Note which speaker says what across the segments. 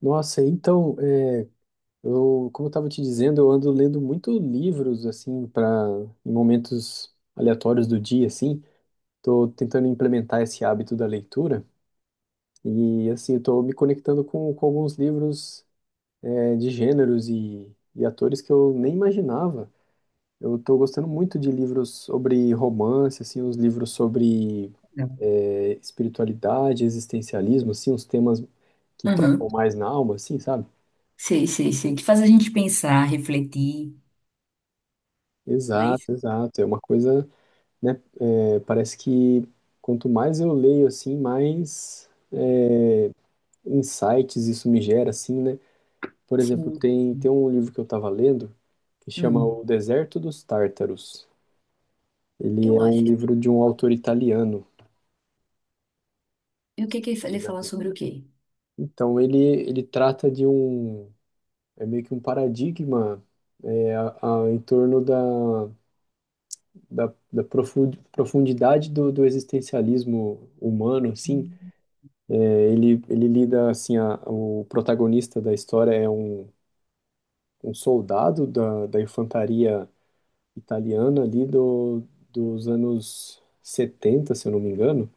Speaker 1: Nossa, então, eu, como eu estava te dizendo, eu ando lendo muito livros, assim, para em momentos aleatórios do dia, assim. Tô tentando implementar esse hábito da leitura e, assim, estou me conectando com alguns livros, de gêneros e atores que eu nem imaginava. Eu estou gostando muito de livros sobre romance, assim, uns livros sobre,
Speaker 2: Não.
Speaker 1: espiritualidade, existencialismo, assim, uns temas que
Speaker 2: Aham.
Speaker 1: tocam mais na alma, assim, sabe?
Speaker 2: Sei, sei, sei. Que faz a gente pensar, refletir, não é isso?
Speaker 1: Exato, exato. É uma coisa, né? Parece que quanto mais eu leio, assim, mais insights isso me gera, assim, né? Por exemplo,
Speaker 2: Sim.
Speaker 1: tem,
Speaker 2: sim.
Speaker 1: tem um livro que eu estava lendo que chama
Speaker 2: Hum,
Speaker 1: O Deserto dos Tártaros. Ele
Speaker 2: eu
Speaker 1: é um
Speaker 2: acho.
Speaker 1: livro de um autor italiano. Não
Speaker 2: E o que
Speaker 1: sei se
Speaker 2: que
Speaker 1: você
Speaker 2: ele
Speaker 1: já
Speaker 2: fala
Speaker 1: viu.
Speaker 2: sobre o quê?
Speaker 1: Então, ele trata de um, é meio que um paradigma é, a- em torno da profundidade do existencialismo humano, assim.
Speaker 2: Hum,
Speaker 1: Ele lida assim, o protagonista da história é um, um soldado da infantaria italiana ali do, dos anos 70 se eu não me engano,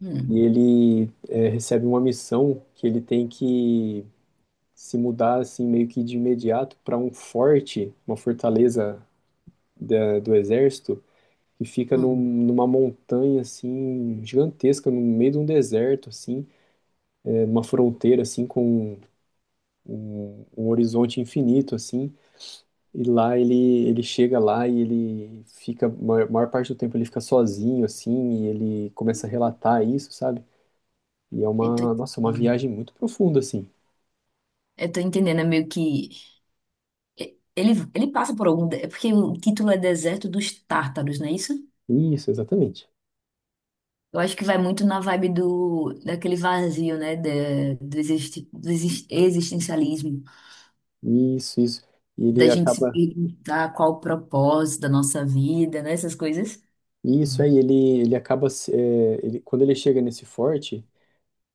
Speaker 2: hum.
Speaker 1: e recebe uma missão que ele tem que se mudar assim meio que de imediato para um forte, uma fortaleza do exército que fica
Speaker 2: Hum.
Speaker 1: numa montanha assim gigantesca no meio de um deserto assim, numa fronteira assim com um horizonte infinito, assim. E lá ele chega lá e ele fica, maior parte do tempo ele fica sozinho, assim, e ele começa a relatar isso, sabe? E é
Speaker 2: Eu tô,
Speaker 1: uma, nossa, uma viagem muito profunda, assim.
Speaker 2: eu tô entendendo, é meio que... ele passa por algum... É porque o título é Deserto dos Tártaros, não é isso?
Speaker 1: Isso, exatamente.
Speaker 2: Eu acho que vai muito na vibe daquele vazio, né? Existencialismo.
Speaker 1: Isso, isso. E
Speaker 2: Da
Speaker 1: ele
Speaker 2: gente se
Speaker 1: acaba,
Speaker 2: perguntar qual o propósito da nossa vida, né? Essas coisas.
Speaker 1: isso aí, ele acaba, se- é, ele, quando ele chega nesse forte,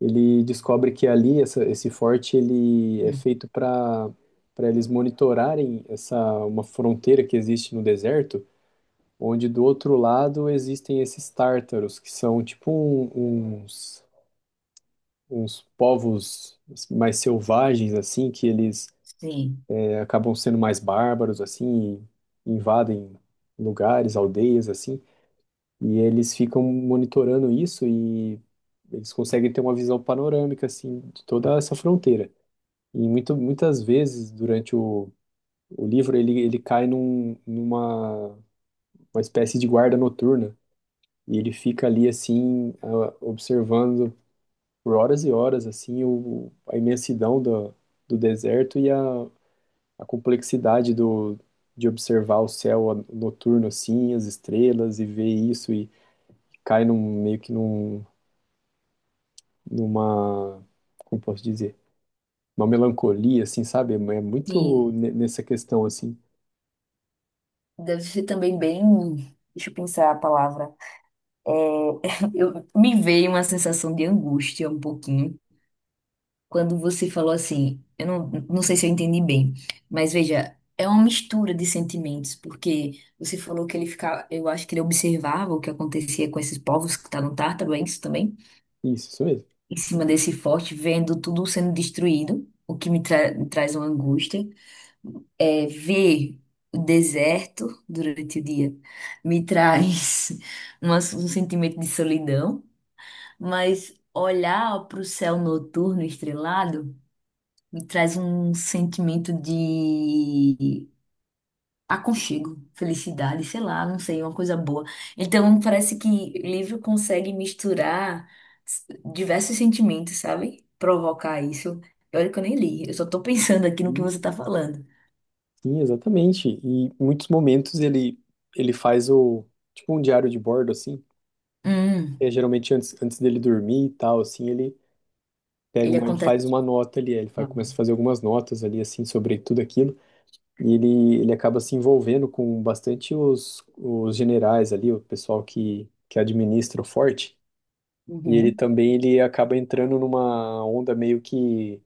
Speaker 1: ele descobre que ali, esse forte, ele é feito para eles monitorarem essa, uma fronteira que existe no deserto, onde do outro lado existem esses tártaros, que são tipo uns, uns povos mais selvagens, assim, que eles
Speaker 2: Sim,
Speaker 1: acabam sendo mais bárbaros, assim, e invadem lugares, aldeias, assim, e eles ficam monitorando isso e eles conseguem ter uma visão panorâmica, assim, de toda essa fronteira. E muito, muitas vezes, durante o livro, ele cai num, numa uma espécie de guarda noturna. E ele fica ali assim, observando por horas e horas assim a imensidão do deserto a complexidade de observar o céu noturno assim, as estrelas e ver isso e cai num, meio que num, numa, como posso dizer, uma melancolia assim, sabe? É é
Speaker 2: sim.
Speaker 1: muito ne- nessa questão assim.
Speaker 2: Deve ser também bem. Deixa eu pensar a palavra. É, me veio uma sensação de angústia um pouquinho quando você falou assim. Eu não, não sei se eu entendi bem, mas veja, é uma mistura de sentimentos, porque você falou que ele ficava. Eu acho que ele observava o que acontecia com esses povos que estavam tártaro, é isso também?
Speaker 1: Isso mesmo.
Speaker 2: Em cima desse forte, vendo tudo sendo destruído, me traz uma angústia. Ver o deserto durante o dia me traz um sentimento de solidão, mas olhar para o céu noturno estrelado me traz um sentimento de aconchego, felicidade, sei lá, não sei, uma coisa boa. Então parece que livro consegue misturar s- diversos sentimentos, sabe? Provocar isso. Olha que eu nem li, eu só tô pensando aqui no que
Speaker 1: E-
Speaker 2: você tá falando.
Speaker 1: Sim, exatamente. E em muitos momentos ele faz o tipo um diário de bordo assim.
Speaker 2: Hum,
Speaker 1: É, geralmente antes dele dormir e tal, assim, ele pega
Speaker 2: ele
Speaker 1: uma, ele faz
Speaker 2: acontece.
Speaker 1: uma nota ali, ele faz, começa a fazer algumas notas ali, assim, sobre tudo aquilo, e ele acaba se envolvendo com bastante os generais ali, o pessoal que administra o forte, e ele
Speaker 2: Uhum.
Speaker 1: também, ele acaba entrando numa onda meio que,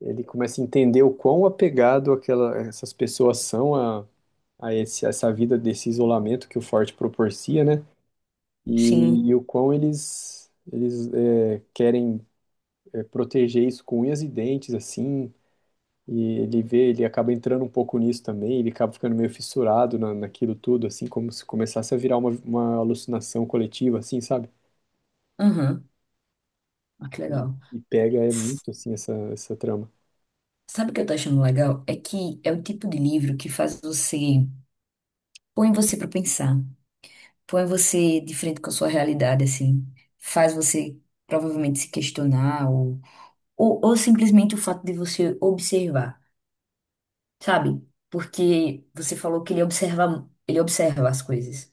Speaker 1: ele começa a entender o quão apegado aquela, essas pessoas são a, essa vida desse isolamento que o forte proporciona, né,
Speaker 2: Sim.
Speaker 1: e o quão eles... Eles querem proteger isso com unhas e dentes, assim, e ele vê, ele acaba entrando um pouco nisso também, ele acaba ficando meio fissurado naquilo tudo, assim, como se começasse a virar uma alucinação coletiva, assim, sabe?
Speaker 2: Uhum. Ah, que legal.
Speaker 1: E pega, é
Speaker 2: S-
Speaker 1: muito, assim, essa trama.
Speaker 2: Sabe o que eu tô achando legal? É que é o tipo de livro que faz põe você pra pensar, põe você de frente com a sua realidade, assim, faz você provavelmente se questionar ou simplesmente o fato de você observar, sabe? Porque você falou que ele observa as coisas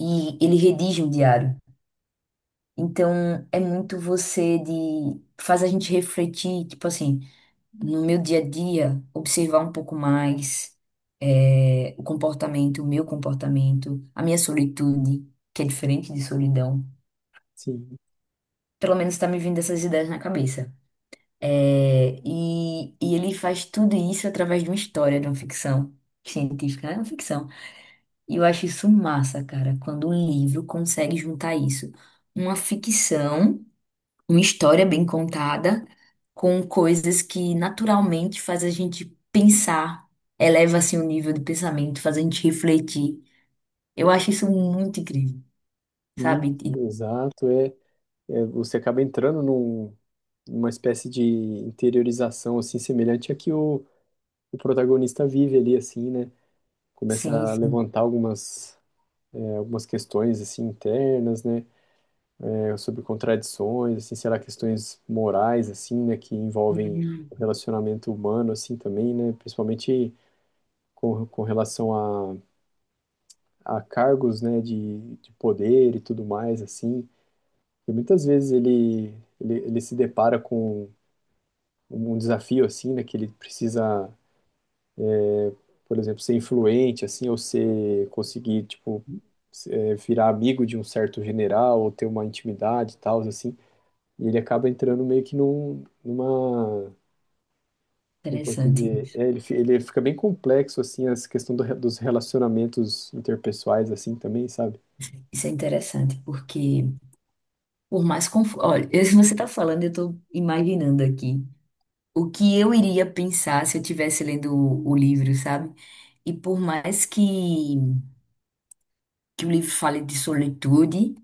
Speaker 2: e ele redige um diário. Então, é muito você de, faz a gente refletir, tipo assim, no meu dia a dia, observar um pouco mais o comportamento, o meu comportamento, a minha solitude, que é diferente de solidão.
Speaker 1: Sim,
Speaker 2: Pelo menos tá me vindo essas ideias na cabeça. E ele faz tudo isso através de uma história, de uma ficção científica, é uma ficção. E eu acho isso massa, cara, quando um livro consegue juntar isso. Uma ficção. Uma história bem contada, com coisas que naturalmente faz a gente pensar, eleva assim o nível de pensamento, faz a gente refletir. Eu acho isso muito incrível, sabe?
Speaker 1: isso, exato, você acaba entrando num, numa espécie de interiorização, assim, semelhante a que o protagonista vive ali, assim, né? Começa
Speaker 2: Sim,
Speaker 1: a
Speaker 2: sim.
Speaker 1: levantar algumas, algumas questões, assim, internas, né? Sobre contradições, assim, sei lá questões morais, assim, né, que envolvem
Speaker 2: Hum.
Speaker 1: o relacionamento humano, assim, também, né, principalmente com relação a cargos, né, de poder e tudo mais, assim, e muitas vezes ele se depara com um desafio, assim, né, que ele precisa, por exemplo, ser influente, assim, ou ser, conseguir, tipo, virar amigo de um certo general, ou ter uma intimidade e tal, assim, e ele acaba entrando meio que num, numa como posso
Speaker 2: Interessante
Speaker 1: dizer,
Speaker 2: isso.
Speaker 1: ele, ele fica bem complexo, assim, essa questão dos relacionamentos interpessoais, assim, também, sabe?
Speaker 2: Isso é interessante, porque por mais confuso. Olha, se você está falando, eu estou imaginando aqui o que eu iria pensar se eu estivesse lendo o livro, sabe? E por mais que o livro fale de solitude,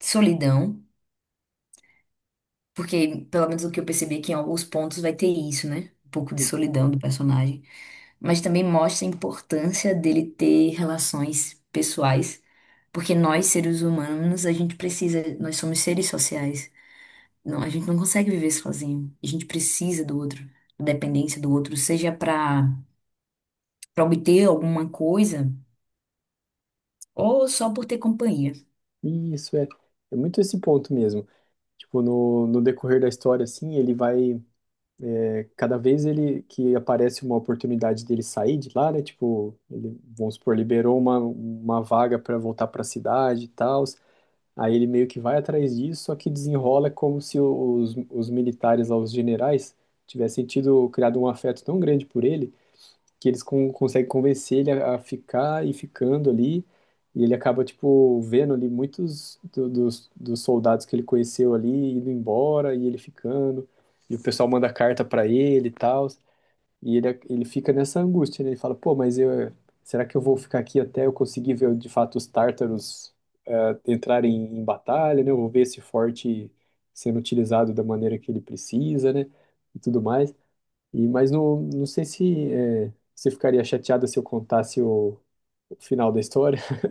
Speaker 2: solidão. Porque, pelo menos o que eu percebi, é que em alguns pontos vai ter isso, né? Um pouco de solidão do personagem. Mas também mostra a importância dele ter relações pessoais. Porque nós, seres humanos, a gente precisa, nós somos seres sociais. Não, a gente não consegue viver sozinho. A gente precisa do outro, da dependência do outro, seja para obter alguma coisa ou só por ter companhia.
Speaker 1: E isso é muito esse ponto mesmo. Tipo, no decorrer da história, assim, cada vez que aparece uma oportunidade dele sair de lá, né? Tipo, ele, vamos supor, liberou uma vaga para voltar para a cidade e tal, aí ele meio que vai atrás disso, só que desenrola como se os militares lá, os generais, tivessem tido, criado um afeto tão grande por ele, que eles conseguem convencer ele a ficar e ficando ali. E ele acaba, tipo, vendo ali muitos dos soldados que ele conheceu ali indo embora e ele ficando. E o pessoal manda carta pra ele e tal. E ele fica nessa angústia, né? Ele fala, pô, mas eu, será que eu vou ficar aqui até eu conseguir ver de fato os tártaros entrarem em batalha, né? Eu vou ver esse forte sendo utilizado da maneira que ele precisa, né? E tudo mais. E, mas não, não sei se é, você ficaria chateada se eu contasse o final da história.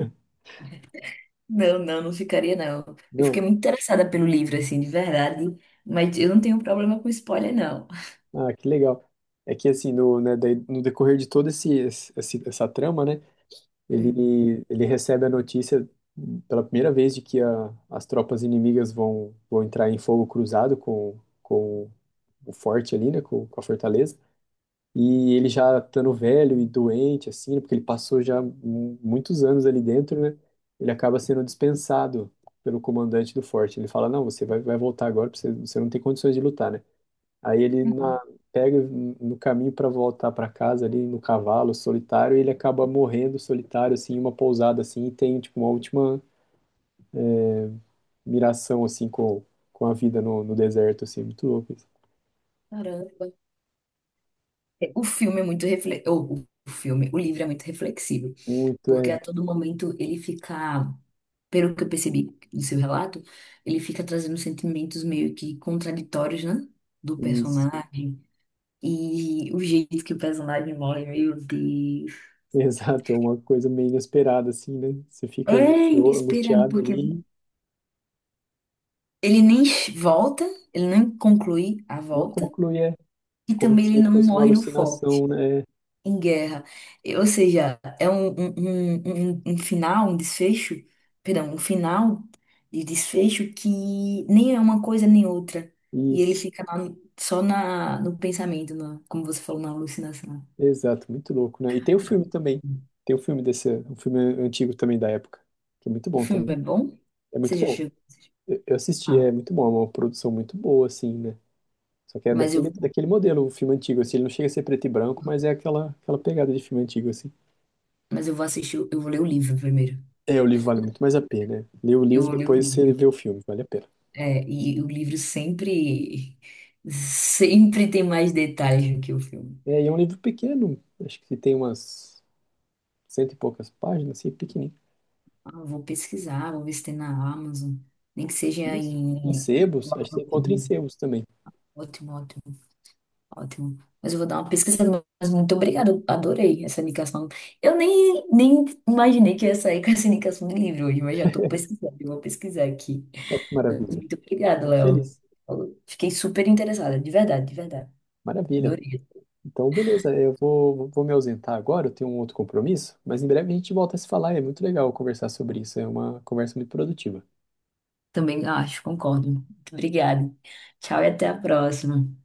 Speaker 2: Não, não, não ficaria, não. Eu
Speaker 1: Não?
Speaker 2: fiquei muito interessada pelo livro, assim, de verdade. Mas eu não tenho problema com spoiler, não.
Speaker 1: Ah, que legal. É que assim, no, né, daí, no decorrer de toda esse, essa trama, né,
Speaker 2: Hum.
Speaker 1: ele recebe a notícia pela primeira vez de que as tropas inimigas vão entrar em fogo cruzado com o forte ali, né, com a fortaleza. E ele já estando velho e doente, assim, né, porque ele passou já muitos anos ali dentro, né? Ele acaba sendo dispensado pelo comandante do forte. Ele fala: Não, você vai, vai voltar agora, porque você, você não tem condições de lutar, né? Aí ele na- Pega no caminho para voltar para casa ali no cavalo solitário, e ele acaba morrendo solitário, assim, em uma pousada, assim, e tem, tipo, uma última miração, assim, com a vida no deserto, assim, muito louco. Isso.
Speaker 2: Caramba. O filme é muito refle... o filme, o livro é muito reflexivo,
Speaker 1: Muito,
Speaker 2: porque
Speaker 1: é.
Speaker 2: a todo momento ele fica, pelo que eu percebi do seu relato, ele fica trazendo sentimentos meio que contraditórios, né? Do
Speaker 1: Isso.
Speaker 2: personagem. E o jeito que o personagem morre, meu Deus.
Speaker 1: Exato, é uma coisa meio inesperada, assim, né? Você fica
Speaker 2: É inesperado,
Speaker 1: angustiado
Speaker 2: porque
Speaker 1: ali
Speaker 2: ele nem volta, ele nem conclui a
Speaker 1: e não
Speaker 2: volta,
Speaker 1: conclui, é
Speaker 2: e
Speaker 1: como
Speaker 2: também ele
Speaker 1: se
Speaker 2: não
Speaker 1: fosse uma
Speaker 2: morre no foco,
Speaker 1: alucinação, né?
Speaker 2: em guerra. E, ou seja, é um final, um desfecho, perdão, um final de desfecho que nem é uma coisa nem outra. E ele
Speaker 1: Isso,
Speaker 2: fica lá só no pensamento, como você falou, na alucinação.
Speaker 1: exato, muito louco, né? E tem o filme também, tem o filme desse, um filme antigo também da época, que é muito
Speaker 2: O
Speaker 1: bom
Speaker 2: filme
Speaker 1: também,
Speaker 2: é bom?
Speaker 1: é
Speaker 2: Você
Speaker 1: muito
Speaker 2: já
Speaker 1: bom.
Speaker 2: chegou?
Speaker 1: Eu assisti,
Speaker 2: Ah,
Speaker 1: é muito bom, é uma produção muito boa, assim, né? Só que é
Speaker 2: mas eu,
Speaker 1: daquele, daquele modelo, o filme antigo, assim, ele não chega a ser preto e branco, mas é aquela, aquela pegada de filme antigo, assim.
Speaker 2: mas eu vou assistir, eu vou ler o livro primeiro.
Speaker 1: É, o livro vale muito mais a pena, né? Lê o
Speaker 2: Eu
Speaker 1: livro,
Speaker 2: vou ler o
Speaker 1: depois você
Speaker 2: livro.
Speaker 1: vê o filme, vale a pena.
Speaker 2: É, e o livro sempre, sempre tem mais detalhes do que o filme.
Speaker 1: É, e é um livro pequeno, acho que tem umas cento e poucas páginas, assim, pequenininho.
Speaker 2: Ah, vou pesquisar, vou ver se tem na Amazon. Nem que seja
Speaker 1: Isso. Em
Speaker 2: em.
Speaker 1: sebos,
Speaker 2: Coloca
Speaker 1: acho que você
Speaker 2: no
Speaker 1: encontra em
Speaker 2: Kindle.
Speaker 1: sebos também.
Speaker 2: Ótimo, ótimo, ótimo. Mas eu vou dar uma pesquisada. Mas muito obrigada, eu adorei essa indicação. Eu nem imaginei que eu ia sair com essa indicação de livro hoje, mas já estou pesquisando, eu vou pesquisar aqui.
Speaker 1: Olha que
Speaker 2: Mas
Speaker 1: maravilha.
Speaker 2: muito obrigada,
Speaker 1: Fico
Speaker 2: Léo.
Speaker 1: feliz.
Speaker 2: Eu fiquei super interessada, de verdade, de verdade.
Speaker 1: Maravilha.
Speaker 2: Adorei.
Speaker 1: Então, beleza, eu vou, vou me ausentar agora, eu tenho um outro compromisso, mas em breve a gente volta a se falar, é muito legal conversar sobre isso, é uma conversa muito produtiva.
Speaker 2: Também ah, acho, concordo. Muito obrigada. Tchau e até a próxima.